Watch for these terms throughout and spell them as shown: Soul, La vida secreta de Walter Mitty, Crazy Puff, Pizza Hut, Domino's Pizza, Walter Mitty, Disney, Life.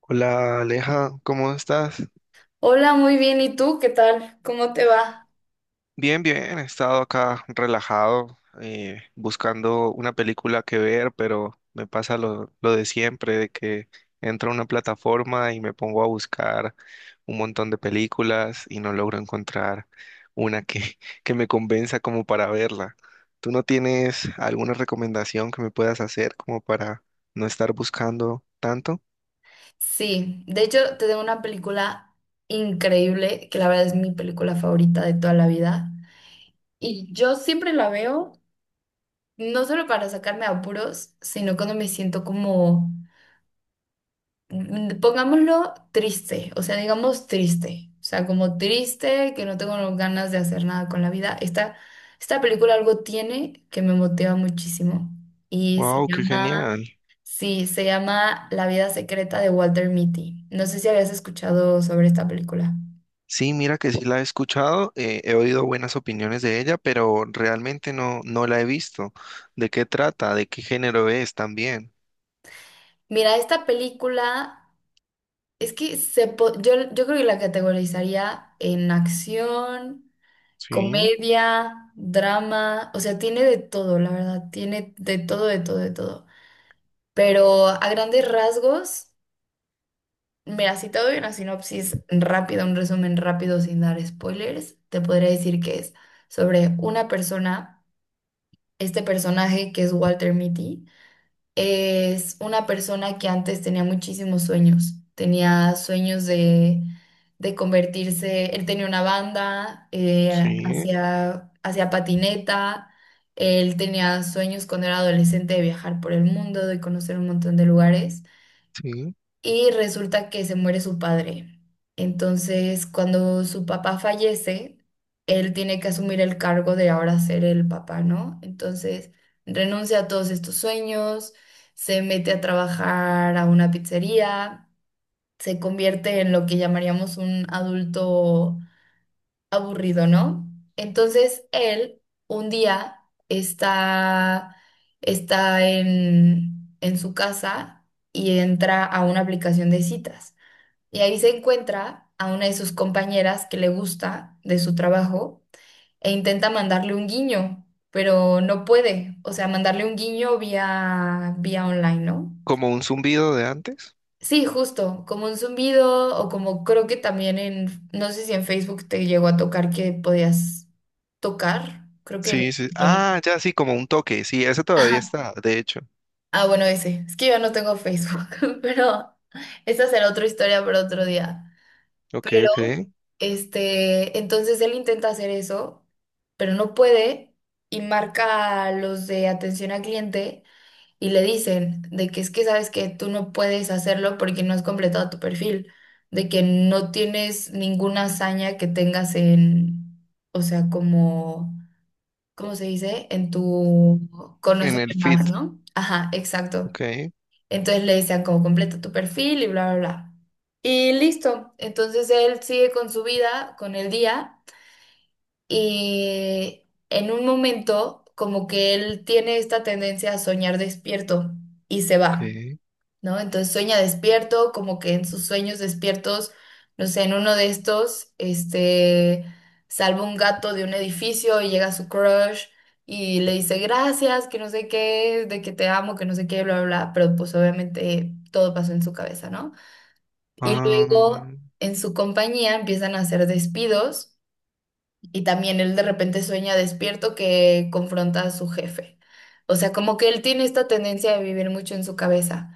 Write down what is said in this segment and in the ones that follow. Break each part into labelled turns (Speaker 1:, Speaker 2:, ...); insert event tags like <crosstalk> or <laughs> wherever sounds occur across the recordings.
Speaker 1: Hola, Aleja, ¿cómo estás?
Speaker 2: Hola, muy bien. ¿Y tú qué tal? ¿Cómo te va?
Speaker 1: Bien, bien, he estado acá relajado, buscando una película que ver, pero me pasa lo de siempre, de que entro a una plataforma y me pongo a buscar un montón de películas y no logro encontrar una que, <laughs> que me convenza como para verla. ¿Tú no tienes alguna recomendación que me puedas hacer como para no estar buscando tanto?
Speaker 2: Sí, de hecho te tengo una película increíble, que la verdad es mi película favorita de toda la vida. Y yo siempre la veo, no solo para sacarme apuros, sino cuando me siento como, pongámoslo, triste, o sea, digamos triste, o sea, como triste, que no tengo ganas de hacer nada con la vida. Esta película algo tiene que me motiva muchísimo y se
Speaker 1: Wow, qué
Speaker 2: llama...
Speaker 1: genial.
Speaker 2: Sí, se llama La vida secreta de Walter Mitty. No sé si habías escuchado sobre esta película.
Speaker 1: Sí, mira que sí la he escuchado, he oído buenas opiniones de ella, pero realmente no la he visto. ¿De qué trata? ¿De qué género es también?
Speaker 2: Mira, esta película es que yo creo que la categorizaría en acción,
Speaker 1: Sí,
Speaker 2: comedia, drama, o sea, tiene de todo, la verdad, tiene de todo, de todo, de todo. Pero a grandes rasgos, mira, si te doy una sinopsis rápida, un resumen rápido sin dar spoilers, te podría decir que es sobre una persona, este personaje que es Walter Mitty, es una persona que antes tenía muchísimos sueños. Tenía sueños de convertirse, él tenía una banda,
Speaker 1: sí,
Speaker 2: hacía, hacía patineta, él tenía sueños cuando era adolescente de viajar por el mundo, de conocer un montón de lugares
Speaker 1: sí.
Speaker 2: y resulta que se muere su padre. Entonces, cuando su papá fallece, él tiene que asumir el cargo de ahora ser el papá, ¿no? Entonces, renuncia a todos estos sueños, se mete a trabajar a una pizzería, se convierte en lo que llamaríamos un adulto aburrido, ¿no? Entonces, él un día está, está en su casa y entra a una aplicación de citas. Y ahí se encuentra a una de sus compañeras que le gusta de su trabajo e intenta mandarle un guiño, pero no puede. O sea, mandarle un guiño vía, vía online, ¿no?
Speaker 1: ¿Como un zumbido de antes?
Speaker 2: Sí, justo, como un zumbido o como creo que también en, no sé si en Facebook te llegó a tocar que podías tocar, creo que la
Speaker 1: Sí, sí.
Speaker 2: página.
Speaker 1: Ah, ya sí, como un toque. Sí, ese todavía
Speaker 2: Ajá.
Speaker 1: está, de hecho.
Speaker 2: Ah, bueno, ese. Es que yo no tengo Facebook, <laughs> pero esa será otra historia para otro día.
Speaker 1: Ok, ok.
Speaker 2: Pero, este, entonces él intenta hacer eso, pero no puede y marca a los de atención al cliente y le dicen de que es que sabes que tú no puedes hacerlo porque no has completado tu perfil, de que no tienes ninguna hazaña que tengas en, o sea, como, ¿cómo se dice? En tu
Speaker 1: En
Speaker 2: conocerme
Speaker 1: el
Speaker 2: más,
Speaker 1: fit.
Speaker 2: ¿no? Ajá, exacto.
Speaker 1: Ok,
Speaker 2: Entonces le decían como completa tu perfil y bla, bla, bla. Y listo. Entonces él sigue con su vida, con el día. Y en un momento, como que él tiene esta tendencia a soñar despierto y se va.
Speaker 1: ok.
Speaker 2: ¿No? Entonces sueña despierto, como que en sus sueños despiertos, no sé, en uno de estos, este, salva un gato de un edificio y llega su crush y le dice gracias, que no sé qué, de que te amo, que no sé qué, bla, bla, bla, pero pues obviamente todo pasó en su cabeza, ¿no? Y luego
Speaker 1: Ah,
Speaker 2: en su compañía empiezan a hacer despidos y también él de repente sueña despierto que confronta a su jefe. O sea, como que él tiene esta tendencia de vivir mucho en su cabeza.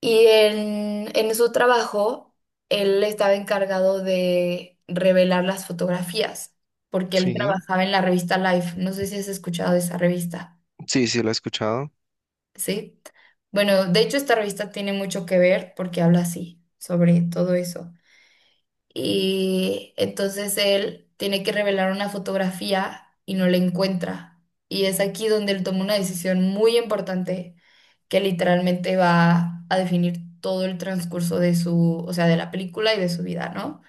Speaker 2: Y en su trabajo, él estaba encargado de revelar las fotografías, porque él
Speaker 1: sí.
Speaker 2: trabajaba en la revista Life. No sé si has escuchado de esa revista,
Speaker 1: Sí, sí, lo he escuchado.
Speaker 2: ¿sí? Bueno, de hecho esta revista tiene mucho que ver porque habla así, sobre todo eso. Y entonces él tiene que revelar una fotografía y no la encuentra. Y es aquí donde él toma una decisión muy importante que literalmente va a definir todo el transcurso de su, o sea, de la película y de su vida, ¿no?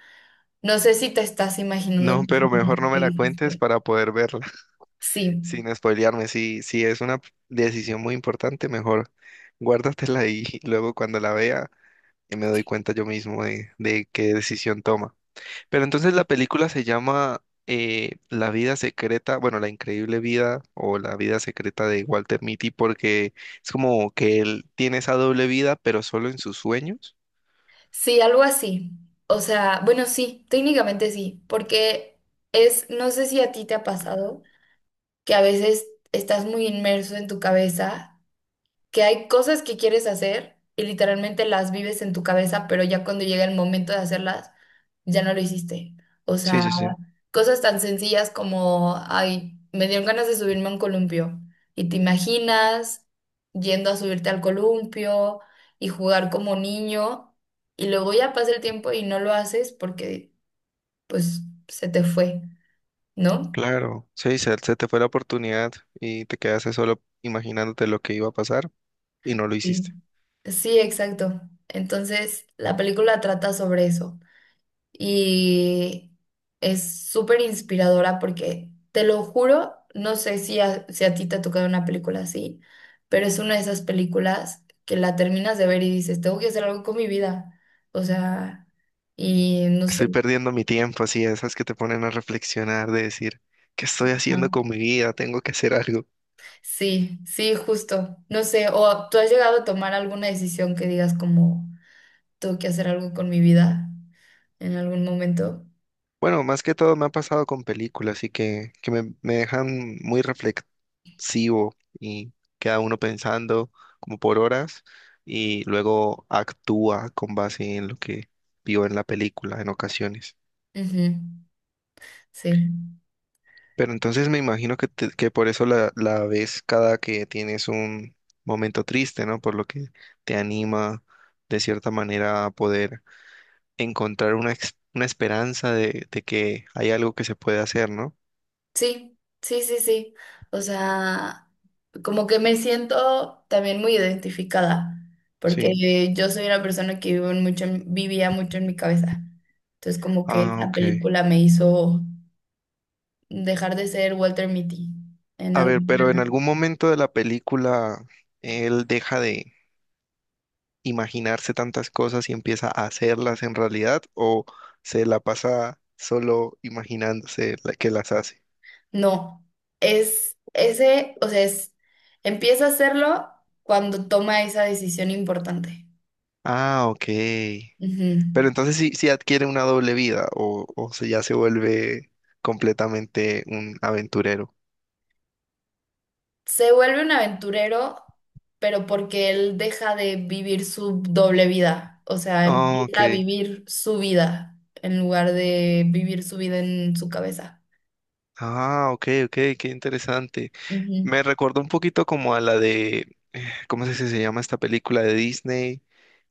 Speaker 2: No sé si te estás imaginando
Speaker 1: No,
Speaker 2: más o
Speaker 1: pero
Speaker 2: menos
Speaker 1: mejor no
Speaker 2: qué
Speaker 1: me la cuentes
Speaker 2: dijiste.
Speaker 1: para poder verla. <laughs>
Speaker 2: Sí,
Speaker 1: Sin spoilearme, sí, sí es una decisión muy importante, mejor. Guárdatela ahí, y <laughs> luego cuando la vea me doy cuenta yo mismo de qué decisión toma. Pero entonces la película se llama La vida secreta, bueno, La increíble vida o La vida secreta de Walter Mitty, porque es como que él tiene esa doble vida, pero solo en sus sueños.
Speaker 2: sí, algo así. O sea, bueno, sí, técnicamente sí, porque es, no sé si a ti te ha pasado que a veces estás muy inmerso en tu cabeza que hay cosas que quieres hacer y literalmente las vives en tu cabeza, pero ya cuando llega el momento de hacerlas, ya no lo hiciste. O
Speaker 1: Sí,
Speaker 2: sea,
Speaker 1: sí, sí.
Speaker 2: cosas tan sencillas como, ay, me dieron ganas de subirme a un columpio y te imaginas yendo a subirte al columpio y jugar como niño y luego ya pasa el tiempo y no lo haces porque pues se te fue, ¿no?
Speaker 1: Claro, sí, se te fue la oportunidad y te quedaste solo imaginándote lo que iba a pasar y no lo
Speaker 2: Sí.
Speaker 1: hiciste.
Speaker 2: Sí, exacto. Entonces, la película trata sobre eso. Y es súper inspiradora porque, te lo juro, no sé si a ti te ha tocado una película así, pero es una de esas películas que la terminas de ver y dices, tengo que hacer algo con mi vida. O sea, y no
Speaker 1: Estoy
Speaker 2: sé.
Speaker 1: perdiendo mi tiempo, así, esas que te ponen a reflexionar, de decir, ¿qué estoy haciendo
Speaker 2: Ajá.
Speaker 1: con mi vida? Tengo que hacer algo.
Speaker 2: Sí, sí, justo. No sé, o tú has llegado a tomar alguna decisión que digas como, tengo que hacer algo con mi vida en algún momento.
Speaker 1: Bueno, más que todo me ha pasado con películas, así que me dejan muy reflexivo y queda uno pensando como por horas y luego actúa con base en lo que vio en la película en ocasiones.
Speaker 2: Ujú. Sí.
Speaker 1: Pero entonces me imagino que, te- que por eso la ves cada que tienes un momento triste, ¿no? Por lo que te anima de cierta manera a poder encontrar una, ex- una esperanza de que hay algo que se puede hacer, ¿no?
Speaker 2: Sí, sí, sí, sí. O sea, como que me siento también muy identificada,
Speaker 1: Sí.
Speaker 2: porque yo soy una persona que vivo en mucho en- vivía mucho en mi cabeza. Entonces, como que
Speaker 1: Ah,
Speaker 2: la
Speaker 1: ok.
Speaker 2: película me hizo dejar de ser Walter Mitty en
Speaker 1: A ver, pero en
Speaker 2: alguna...
Speaker 1: algún momento de la película él deja de imaginarse tantas cosas y empieza a hacerlas en realidad o se la pasa solo imaginándose la que las hace.
Speaker 2: No, es ese, o sea, es, empieza a hacerlo cuando toma esa decisión importante.
Speaker 1: Ah, ok.
Speaker 2: Ujú.
Speaker 1: Pero entonces sí, sí adquiere una doble vida o se, ya se vuelve completamente un aventurero.
Speaker 2: Se vuelve un aventurero, pero porque él deja de vivir su doble vida, o sea,
Speaker 1: Ah, ok.
Speaker 2: empieza a vivir su vida en lugar de vivir su vida en su cabeza.
Speaker 1: Ah, ok, ok, qué interesante.
Speaker 2: Ujú.
Speaker 1: Me recordó un poquito como a la de, ¿cómo es que se llama esta película de Disney?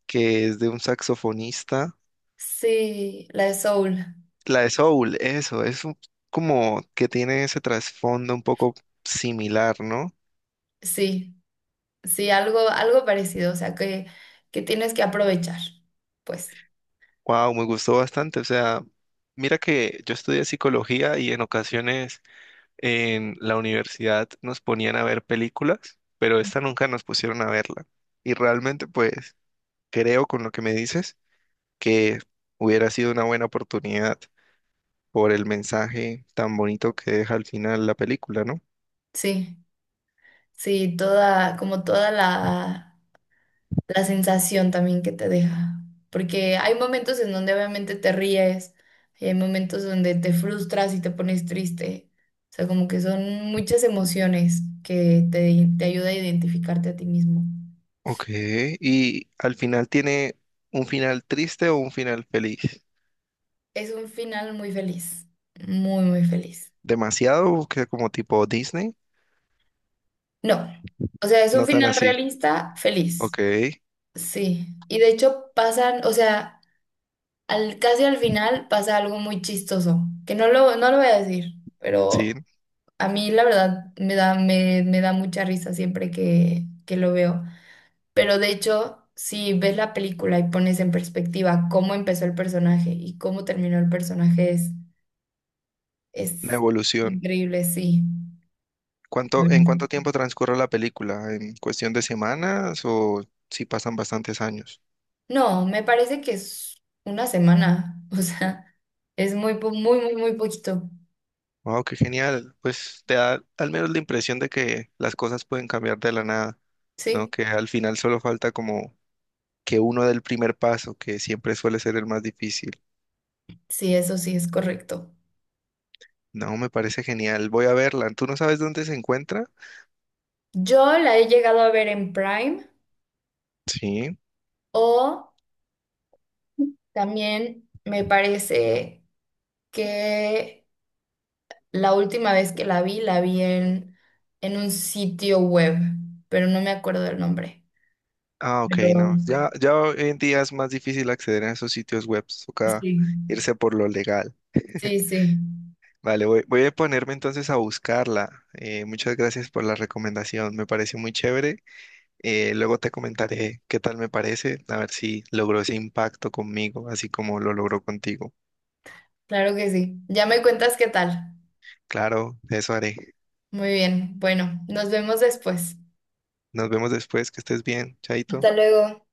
Speaker 1: Que es de un saxofonista.
Speaker 2: Sí, la de Soul,
Speaker 1: La de Soul, eso, es un- como que tiene ese trasfondo un poco similar, ¿no?
Speaker 2: sí, sí, algo, algo parecido, o sea, que tienes que aprovechar, pues,
Speaker 1: Wow, me gustó bastante. O sea, mira que yo estudié psicología y en ocasiones en la universidad nos ponían a ver películas, pero esta nunca nos pusieron a verla. Y realmente, pues, creo con lo que me dices que hubiera sido una buena oportunidad. Por el mensaje tan bonito que deja al final la película, ¿no?
Speaker 2: sí, sí, toda, como toda la... La sensación también que te deja. Porque hay momentos en donde obviamente te ríes, y hay momentos donde te frustras y te pones triste. O sea, como que son muchas emociones que te ayuda a identificarte a ti mismo.
Speaker 1: Ok, y al final tiene un final triste o un final feliz.
Speaker 2: Es un final muy feliz, muy, muy feliz.
Speaker 1: Demasiado que como tipo Disney,
Speaker 2: No, o sea, es un
Speaker 1: no tan
Speaker 2: final
Speaker 1: así.
Speaker 2: realista, feliz.
Speaker 1: Ok,
Speaker 2: Sí, y de hecho pasan, o sea... casi al final pasa algo muy chistoso, que no lo voy a decir,
Speaker 1: sí,
Speaker 2: pero a mí la verdad me da mucha risa siempre que lo veo. Pero de hecho, si ves la película y pones en perspectiva cómo empezó el personaje y cómo terminó el personaje,
Speaker 1: una
Speaker 2: es
Speaker 1: evolución.
Speaker 2: increíble, sí. La
Speaker 1: ¿Cuánto, en cuánto
Speaker 2: verdad.
Speaker 1: tiempo transcurre la película? ¿En cuestión de semanas o si pasan bastantes años?
Speaker 2: No, me parece que es una semana, <laughs> o sea, es muy, muy, muy, muy poquito.
Speaker 1: Wow, qué genial. Pues te da al menos la impresión de que las cosas pueden cambiar de la nada, ¿no?
Speaker 2: Sí,
Speaker 1: Que al final solo falta como que uno del primer paso, que siempre suele ser el más difícil.
Speaker 2: sí, eso sí es correcto.
Speaker 1: No, me parece genial. Voy a verla. ¿Tú no sabes dónde se encuentra?
Speaker 2: Yo la he llegado a ver en Prime
Speaker 1: Sí.
Speaker 2: o también me parece que la última vez que la vi, en un sitio web, pero no me acuerdo del nombre.
Speaker 1: Ah, ok,
Speaker 2: Pero
Speaker 1: no. Ya, ya hoy en día es más difícil acceder a esos sitios web. Toca
Speaker 2: sí,
Speaker 1: irse por lo legal.
Speaker 2: sí,
Speaker 1: <laughs>
Speaker 2: sí,
Speaker 1: Vale, voy, voy a ponerme entonces a buscarla. Muchas gracias por la recomendación. Me parece muy chévere. Luego te comentaré qué tal me parece, a ver si logró ese impacto conmigo, así como lo logró contigo.
Speaker 2: claro que sí. Ya me cuentas qué tal.
Speaker 1: Claro, eso haré.
Speaker 2: Muy bien, bueno, nos vemos después.
Speaker 1: Nos vemos después, que estés bien, Chaito.
Speaker 2: Hasta luego.